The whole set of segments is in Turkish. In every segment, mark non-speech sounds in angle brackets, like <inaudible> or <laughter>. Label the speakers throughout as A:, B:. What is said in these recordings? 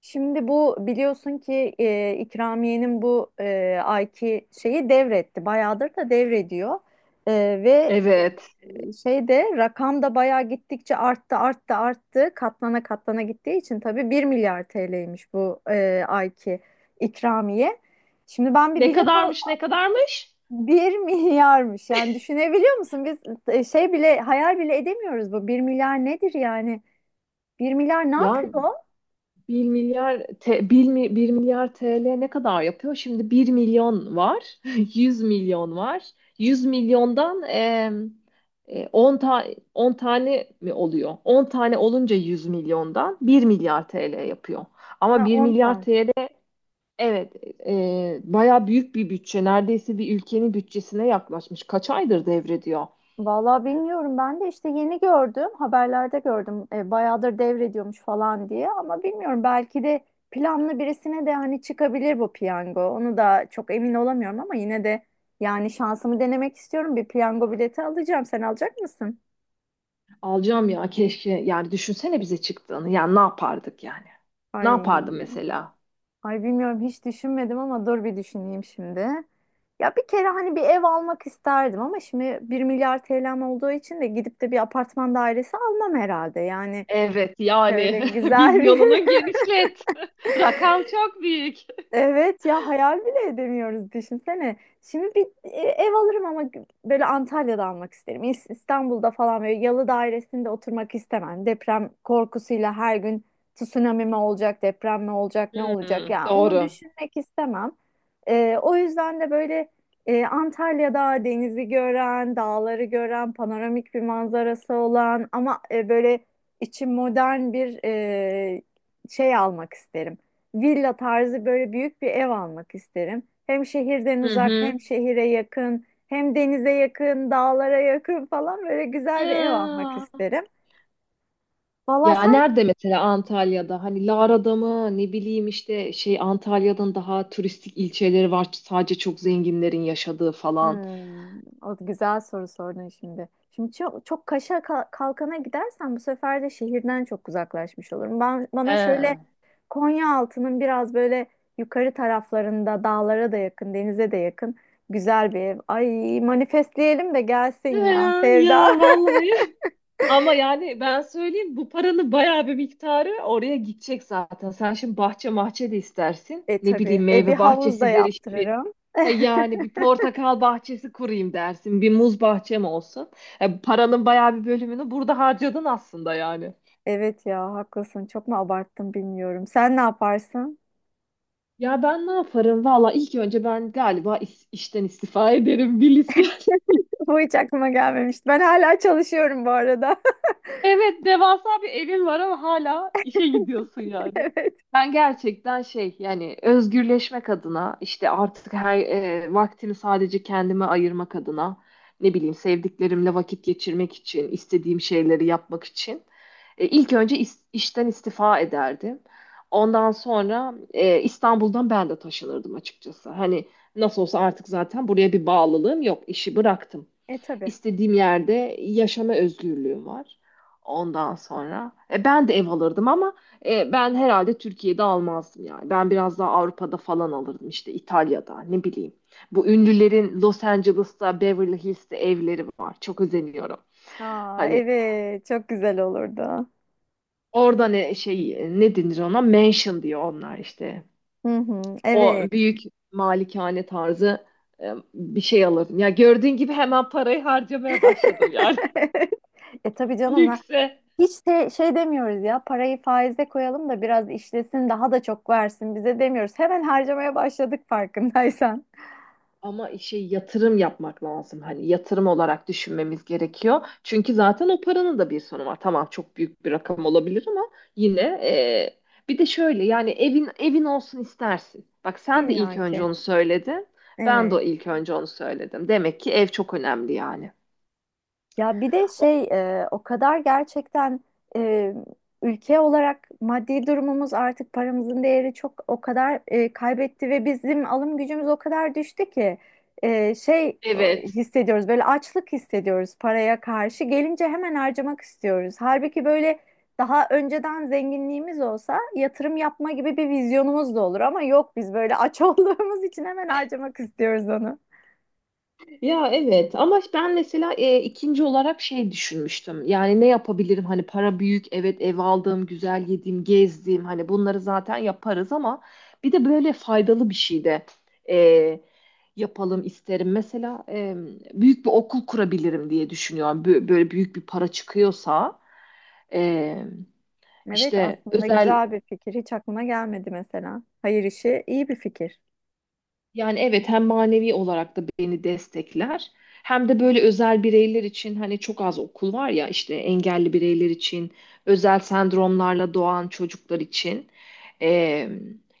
A: Şimdi bu biliyorsun ki İkramiye'nin bu ayki şeyi devretti. Bayağıdır da devrediyor. E, ve
B: Evet.
A: şeyde rakam da bayağı gittikçe arttı arttı arttı. Katlana katlana gittiği için tabii bir milyar TL'ymiş bu ayki ikramiye. Şimdi ben bir
B: Ne
A: bilet al
B: kadarmış?
A: <laughs> Bir milyarmış. Yani düşünebiliyor musun? Biz şey bile hayal bile edemiyoruz bu. Bir milyar nedir yani? Bir milyar ne
B: Ya
A: yapıyor?
B: bir milyar 1, 1 milyar TL ne kadar yapıyor? Şimdi bir milyon var. <laughs> Yüz milyon var. 100 milyondan e, 10 ta 10 tane mi oluyor? 10 tane olunca 100 milyondan bir milyar TL yapıyor. Ama
A: Ha,
B: bir
A: 10
B: milyar
A: tane.
B: TL, evet, baya büyük bir bütçe. Neredeyse bir ülkenin bütçesine yaklaşmış. Kaç aydır devrediyor?
A: Vallahi bilmiyorum, ben de işte yeni gördüm, haberlerde gördüm bayağıdır devrediyormuş falan diye. Ama bilmiyorum, belki de planlı birisine de hani çıkabilir bu piyango, onu da çok emin olamıyorum. Ama yine de yani şansımı denemek istiyorum, bir piyango bileti alacağım. Sen alacak mısın?
B: Alacağım ya, keşke. Yani düşünsene bize çıktığını, yani ne yapardık yani? Ne
A: Ay,
B: yapardım mesela?
A: ay, bilmiyorum, hiç düşünmedim ama dur bir düşüneyim şimdi. Ya bir kere hani bir ev almak isterdim ama şimdi bir milyar TL'm olduğu için de gidip de bir apartman dairesi almam herhalde yani.
B: Evet yani,
A: Şöyle
B: <laughs>
A: güzel bir
B: vizyonunu
A: <laughs>
B: genişlet. <laughs> Rakam çok büyük.
A: Evet ya, hayal bile edemiyoruz, düşünsene. Şimdi bir ev alırım ama böyle Antalya'da almak isterim. İstanbul'da falan böyle yalı dairesinde oturmak istemem. Deprem korkusuyla her gün tsunami mi olacak, deprem mi olacak, ne olacak
B: Hmm,
A: ya onu
B: doğru.
A: düşünmek istemem. O yüzden de böyle Antalya'da denizi gören, dağları gören, panoramik bir manzarası olan ama böyle içi modern bir şey almak isterim, villa tarzı böyle büyük bir ev almak isterim. Hem şehirden
B: Hı
A: uzak, hem
B: hı.
A: şehire yakın, hem denize yakın, dağlara yakın falan böyle güzel bir ev almak
B: Ya.
A: isterim. Valla
B: Ya
A: sen.
B: nerede mesela Antalya'da, hani Lara'da mı, ne bileyim, işte şey, Antalya'nın daha turistik ilçeleri var, sadece çok zenginlerin yaşadığı falan.
A: Hmm, o güzel soru sordun şimdi. Şimdi çok çok kaşa kalkana gidersen bu sefer de şehirden çok uzaklaşmış olurum. Ben
B: He. He.
A: bana şöyle Konyaaltı'nın biraz böyle yukarı taraflarında dağlara da yakın, denize de yakın güzel bir ev. Ay, manifestleyelim de
B: Ya,
A: gelsin ya
B: ya
A: Sevda. <laughs>
B: vallahi, <laughs> ama yani ben söyleyeyim, bu paranın bayağı bir miktarı oraya gidecek zaten. Sen şimdi bahçe mahçe de istersin. Ne
A: Tabii.
B: bileyim,
A: Bir
B: meyve
A: havuz da
B: bahçesidir işte, bir
A: yaptırırım.
B: e yani bir
A: <laughs>
B: portakal bahçesi kurayım dersin. Bir muz bahçem olsun. Paranın bayağı bir bölümünü burada harcadın aslında yani.
A: Evet ya, haklısın. Çok mu abarttım bilmiyorum. Sen ne yaparsın?
B: Ya ben ne yaparım? Valla ilk önce ben galiba işten istifa <laughs> ederim Bilis ya. <laughs>
A: <laughs> Bu hiç aklıma gelmemişti. Ben hala çalışıyorum bu arada.
B: Evet, devasa bir evin var ama hala işe gidiyorsun
A: <laughs>
B: yani.
A: Evet.
B: Ben gerçekten şey, yani özgürleşmek adına, işte artık her vaktimi sadece kendime ayırmak adına, ne bileyim, sevdiklerimle vakit geçirmek için, istediğim şeyleri yapmak için, ilk önce işten istifa ederdim. Ondan sonra İstanbul'dan ben de taşınırdım açıkçası. Hani nasıl olsa artık zaten buraya bir bağlılığım yok, işi bıraktım.
A: Tabii.
B: İstediğim yerde yaşama özgürlüğüm var. Ondan sonra ben de ev alırdım, ama ben herhalde Türkiye'de almazdım yani. Ben biraz daha Avrupa'da falan alırdım, işte İtalya'da, ne bileyim. Bu ünlülerin Los Angeles'ta, Beverly Hills'te evleri var. Çok özeniyorum.
A: Aa,
B: Hani
A: evet. Çok güzel olurdu.
B: orada ne şey, ne denir ona? Mansion diyor onlar işte.
A: Hı hı.
B: O
A: Evet.
B: büyük malikane tarzı bir şey alırdım. Ya gördüğün gibi hemen parayı harcamaya başladım yani.
A: <laughs> Tabii
B: <laughs>
A: canım lan.
B: Lükse.
A: Hiç de şey demiyoruz ya, parayı faize koyalım da biraz işlesin daha da çok versin bize demiyoruz. Hemen harcamaya başladık farkındaysan.
B: Ama şey, yatırım yapmak lazım. Hani yatırım olarak düşünmemiz gerekiyor. Çünkü zaten o paranın da bir sonu var. Tamam, çok büyük bir rakam olabilir ama yine bir de şöyle, yani evin olsun istersin. Bak, sen de ilk
A: İlla
B: önce
A: ki.
B: onu söyledin. Ben
A: Evet.
B: de ilk önce onu söyledim. Demek ki ev çok önemli yani.
A: Ya bir de şey o kadar gerçekten e, ülke olarak maddi durumumuz artık paramızın değeri çok o kadar kaybetti ve bizim alım gücümüz o kadar düştü ki şey o,
B: Evet.
A: hissediyoruz, böyle açlık hissediyoruz paraya karşı, gelince hemen harcamak istiyoruz. Halbuki böyle daha önceden zenginliğimiz olsa yatırım yapma gibi bir vizyonumuz da olur ama yok, biz böyle aç <laughs> olduğumuz için hemen harcamak istiyoruz onu.
B: Ya evet, ama ben mesela ikinci olarak şey düşünmüştüm. Yani ne yapabilirim? Hani para büyük, evet, ev aldım, güzel yedim, gezdim. Hani bunları zaten yaparız ama bir de böyle faydalı bir şey de e, yapalım isterim. Mesela büyük bir okul kurabilirim diye düşünüyorum. Böyle büyük bir para çıkıyorsa, e,
A: Evet
B: işte
A: aslında
B: özel.
A: güzel bir fikir. Hiç aklıma gelmedi mesela. Hayır işi iyi bir fikir.
B: Yani evet, hem manevi olarak da beni destekler, hem de böyle özel bireyler için, hani çok az okul var ya, işte engelli bireyler için, özel sendromlarla doğan çocuklar için eee,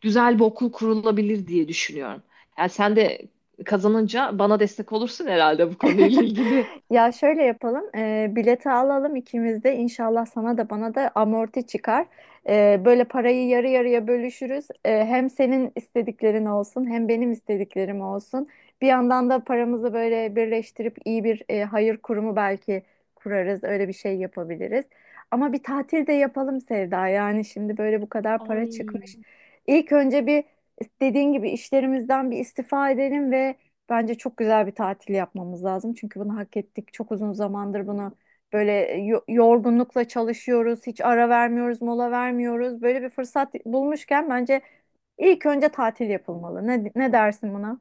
B: güzel bir okul kurulabilir diye düşünüyorum. Yani sen de kazanınca bana destek olursun herhalde bu konuyla ilgili.
A: Ya şöyle yapalım, bileti alalım ikimiz de, inşallah sana da bana da amorti çıkar. Böyle parayı yarı yarıya bölüşürüz. Hem senin istediklerin olsun, hem benim istediklerim olsun. Bir yandan da paramızı böyle birleştirip iyi bir hayır kurumu belki kurarız. Öyle bir şey yapabiliriz. Ama bir tatil de yapalım Sevda. Yani şimdi böyle bu kadar para çıkmış.
B: Ay.
A: İlk önce bir, dediğin gibi, işlerimizden bir istifa edelim ve bence çok güzel bir tatil yapmamız lazım. Çünkü bunu hak ettik. Çok uzun zamandır bunu böyle yorgunlukla çalışıyoruz. Hiç ara vermiyoruz, mola vermiyoruz. Böyle bir fırsat bulmuşken bence ilk önce tatil yapılmalı. Ne dersin buna?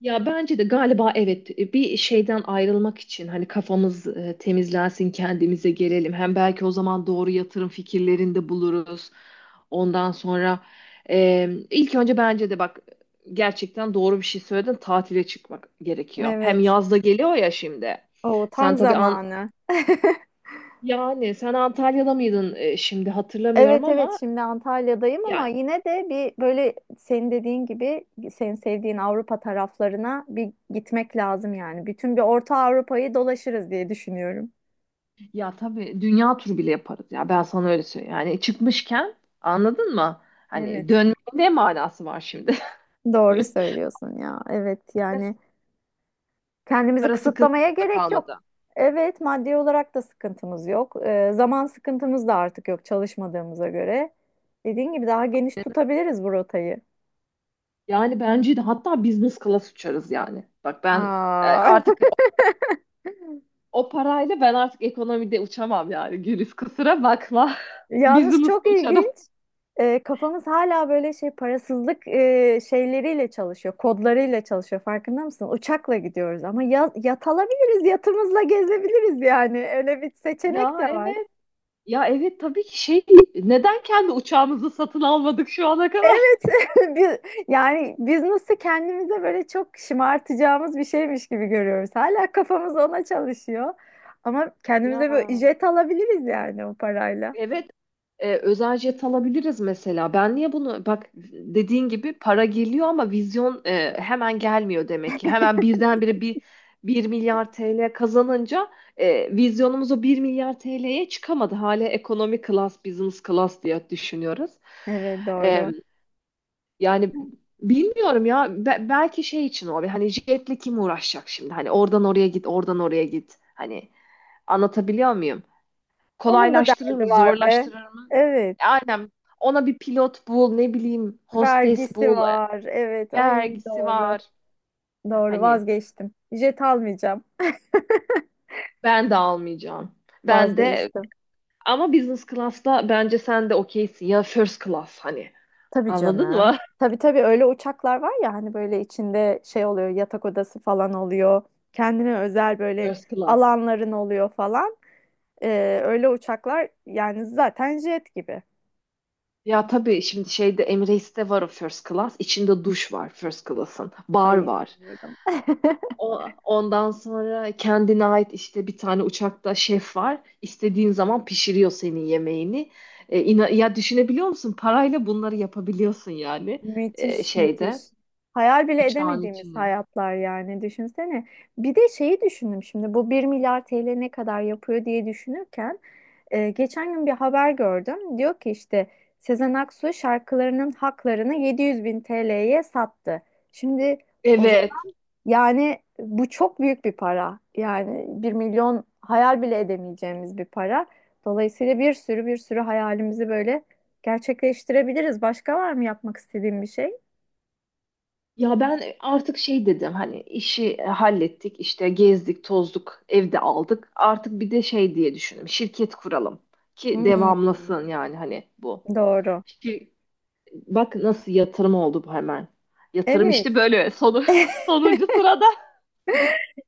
B: Ya bence de galiba evet, bir şeyden ayrılmak için hani kafamız temizlensin, kendimize gelelim. Hem belki o zaman doğru yatırım fikirlerinde buluruz. Ondan sonra ilk önce bence de, bak, gerçekten doğru bir şey söyledin, tatile çıkmak gerekiyor. Hem
A: Evet.
B: yazda geliyor ya şimdi.
A: O tam
B: Sen tabii an,
A: zamanı. <laughs>
B: yani sen Antalya'da mıydın, şimdi hatırlamıyorum
A: Evet, evet,
B: ama
A: şimdi Antalya'dayım ama
B: yani.
A: yine de bir böyle senin dediğin gibi senin sevdiğin Avrupa taraflarına bir gitmek lazım yani. Bütün bir Orta Avrupa'yı dolaşırız diye düşünüyorum.
B: Ya tabii, dünya turu bile yaparız ya, ben sana öyle söyleyeyim. Yani çıkmışken, anladın mı? Hani
A: Evet.
B: dönmenin ne manası var şimdi?
A: Doğru
B: <laughs>
A: söylüyorsun ya. Evet yani kendimizi
B: Para
A: kısıtlamaya
B: sıkıntısı da
A: gerek yok.
B: kalmadı.
A: Evet, maddi olarak da sıkıntımız yok. Zaman sıkıntımız da artık yok çalışmadığımıza göre. Dediğin gibi daha geniş tutabiliriz bu rotayı.
B: Yani bence de hatta business class uçarız yani. Bak ben, e,
A: Aa. <laughs>
B: artık o, o parayla ben artık ekonomide uçamam yani. Güliz, kusura bakma. <laughs>
A: Yalnız çok
B: Business'la uçarım.
A: ilginç. Kafamız hala böyle şey parasızlık şeyleriyle çalışıyor, kodlarıyla çalışıyor. Farkında mısın? Uçakla gidiyoruz ama ya, yat alabiliriz, yatımızla gezebiliriz yani. Öyle bir seçenek
B: Ya
A: de var.
B: evet. Ya evet, tabii ki şey, neden kendi uçağımızı satın almadık şu ana kadar?
A: Evet,
B: <laughs>
A: <laughs> biz, yani biz nasıl kendimize böyle çok şımartacağımız bir şeymiş gibi görüyoruz. Hala kafamız ona çalışıyor. Ama
B: Ya,
A: kendimize böyle jet alabiliriz yani o parayla.
B: evet, özel jet alabiliriz mesela. Ben niye bunu, bak dediğin gibi, para geliyor ama vizyon hemen gelmiyor demek ki. Hemen birdenbire bir milyar TL kazanınca vizyonumuz o 1 milyar TL'ye çıkamadı. Hala ekonomi class, business class diye düşünüyoruz.
A: Evet
B: E,
A: doğru.
B: yani bilmiyorum ya, belki şey için, o hani jetle kim uğraşacak şimdi? Hani oradan oraya git, oradan oraya git. Hani anlatabiliyor muyum?
A: Onun da
B: Kolaylaştırır mı?
A: derdi var be.
B: Zorlaştırır mı?
A: Evet.
B: Aynen. Ona bir pilot bul, ne bileyim, hostes
A: Vergisi
B: bul.
A: var. Evet. Ay,
B: Vergisi
A: doğru.
B: var.
A: Doğru,
B: Hani
A: vazgeçtim. Jet almayacağım.
B: ben de almayacağım. Ben de,
A: Vazgeçtim.
B: ama business class'ta bence sen de okeysin ya, first class hani.
A: Tabii
B: Anladın
A: canım.
B: mı?
A: Tabii tabii öyle uçaklar var ya hani böyle içinde şey oluyor, yatak odası falan oluyor. Kendine özel
B: <laughs>
A: böyle
B: First class.
A: alanların oluyor falan. Öyle uçaklar yani zaten jet gibi.
B: Ya tabii, şimdi şeyde, Emirates'te var o first class. İçinde duş var first class'ın.
A: Ay
B: Bar var.
A: inanmıyorum. <laughs>
B: Ondan sonra kendine ait işte, bir tane uçakta şef var. İstediğin zaman pişiriyor senin yemeğini. E, ya düşünebiliyor musun? Parayla bunları yapabiliyorsun yani, e,
A: Müthiş müthiş.
B: şeyde
A: Hayal bile
B: uçağın
A: edemediğimiz
B: içine.
A: hayatlar yani düşünsene. Bir de şeyi düşündüm şimdi bu bir milyar TL ne kadar yapıyor diye düşünürken geçen gün bir haber gördüm. Diyor ki işte Sezen Aksu şarkılarının haklarını 700 bin TL'ye sattı. Şimdi o zaman
B: Evet.
A: yani bu çok büyük bir para. Yani bir milyon hayal bile edemeyeceğimiz bir para. Dolayısıyla bir sürü bir sürü hayalimizi böyle gerçekleştirebiliriz. Başka var mı yapmak istediğim bir şey?
B: Ya ben artık şey dedim, hani işi hallettik, işte gezdik tozduk, evde aldık. Artık bir de şey diye düşündüm, şirket kuralım ki
A: Hmm,
B: devamlasın yani hani bu.
A: doğru.
B: Şir- Bak nasıl yatırım oldu bu hemen. Yatırım
A: Evet,
B: işte böyle sonu, <laughs> sonuncu sırada.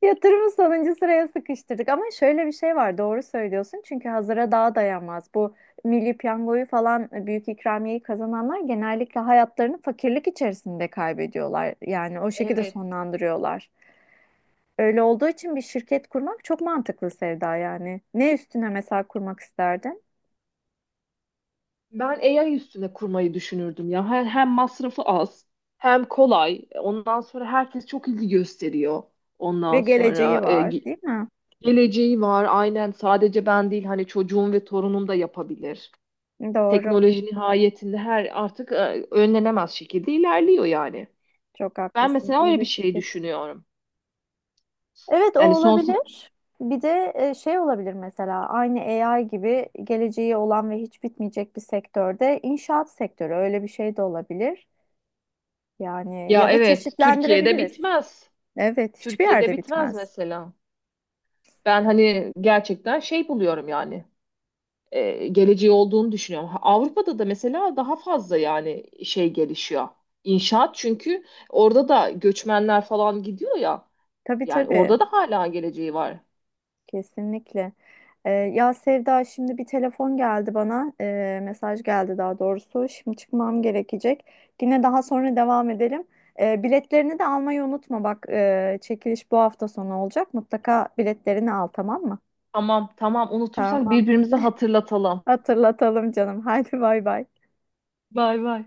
A: yatırımı sonuncu sıraya sıkıştırdık ama şöyle bir şey var, doğru söylüyorsun çünkü hazıra daha dayanmaz. Bu milli piyangoyu falan büyük ikramiyeyi kazananlar genellikle hayatlarını fakirlik içerisinde kaybediyorlar. Yani o şekilde
B: Evet.
A: sonlandırıyorlar. Öyle olduğu için bir şirket kurmak çok mantıklı Sevda yani. Ne üstüne mesela kurmak isterdin?
B: Ben AI üstüne kurmayı düşünürdüm ya. Hem masrafı az, hem kolay. Ondan sonra herkes çok ilgi gösteriyor.
A: Ve
B: Ondan
A: geleceği
B: sonra
A: var, değil mi?
B: geleceği var. Aynen, sadece ben değil, hani çocuğum ve torunum da yapabilir.
A: Doğru,
B: Teknoloji nihayetinde her artık, önlenemez şekilde ilerliyor yani.
A: çok
B: Ben
A: haklısın.
B: mesela
A: İyi
B: öyle bir
A: bir
B: şey
A: fikir.
B: düşünüyorum.
A: Evet o
B: Yani sonsuz.
A: olabilir. Bir de şey olabilir mesela aynı AI gibi geleceği olan ve hiç bitmeyecek bir sektörde, inşaat sektörü, öyle bir şey de olabilir. Yani ya
B: Ya
A: da
B: evet, Türkiye'de
A: çeşitlendirebiliriz.
B: bitmez.
A: Evet hiçbir
B: Türkiye'de
A: yerde
B: bitmez
A: bitmez.
B: mesela. Ben hani gerçekten şey buluyorum yani, geleceği olduğunu düşünüyorum. Ha, Avrupa'da da mesela daha fazla yani şey gelişiyor. İnşaat, çünkü orada da göçmenler falan gidiyor ya.
A: Tabii
B: Yani
A: tabii
B: orada da hala geleceği var.
A: kesinlikle. Ya Sevda şimdi bir telefon geldi bana. Mesaj geldi daha doğrusu. Şimdi çıkmam gerekecek. Yine daha sonra devam edelim. Biletlerini de almayı unutma. Bak çekiliş bu hafta sonu olacak. Mutlaka biletlerini al, tamam mı?
B: Tamam, tamam, unutursak
A: Tamam.
B: birbirimize hatırlatalım.
A: Hatırlatalım canım. <laughs> Haydi bay bay.
B: Bay bay.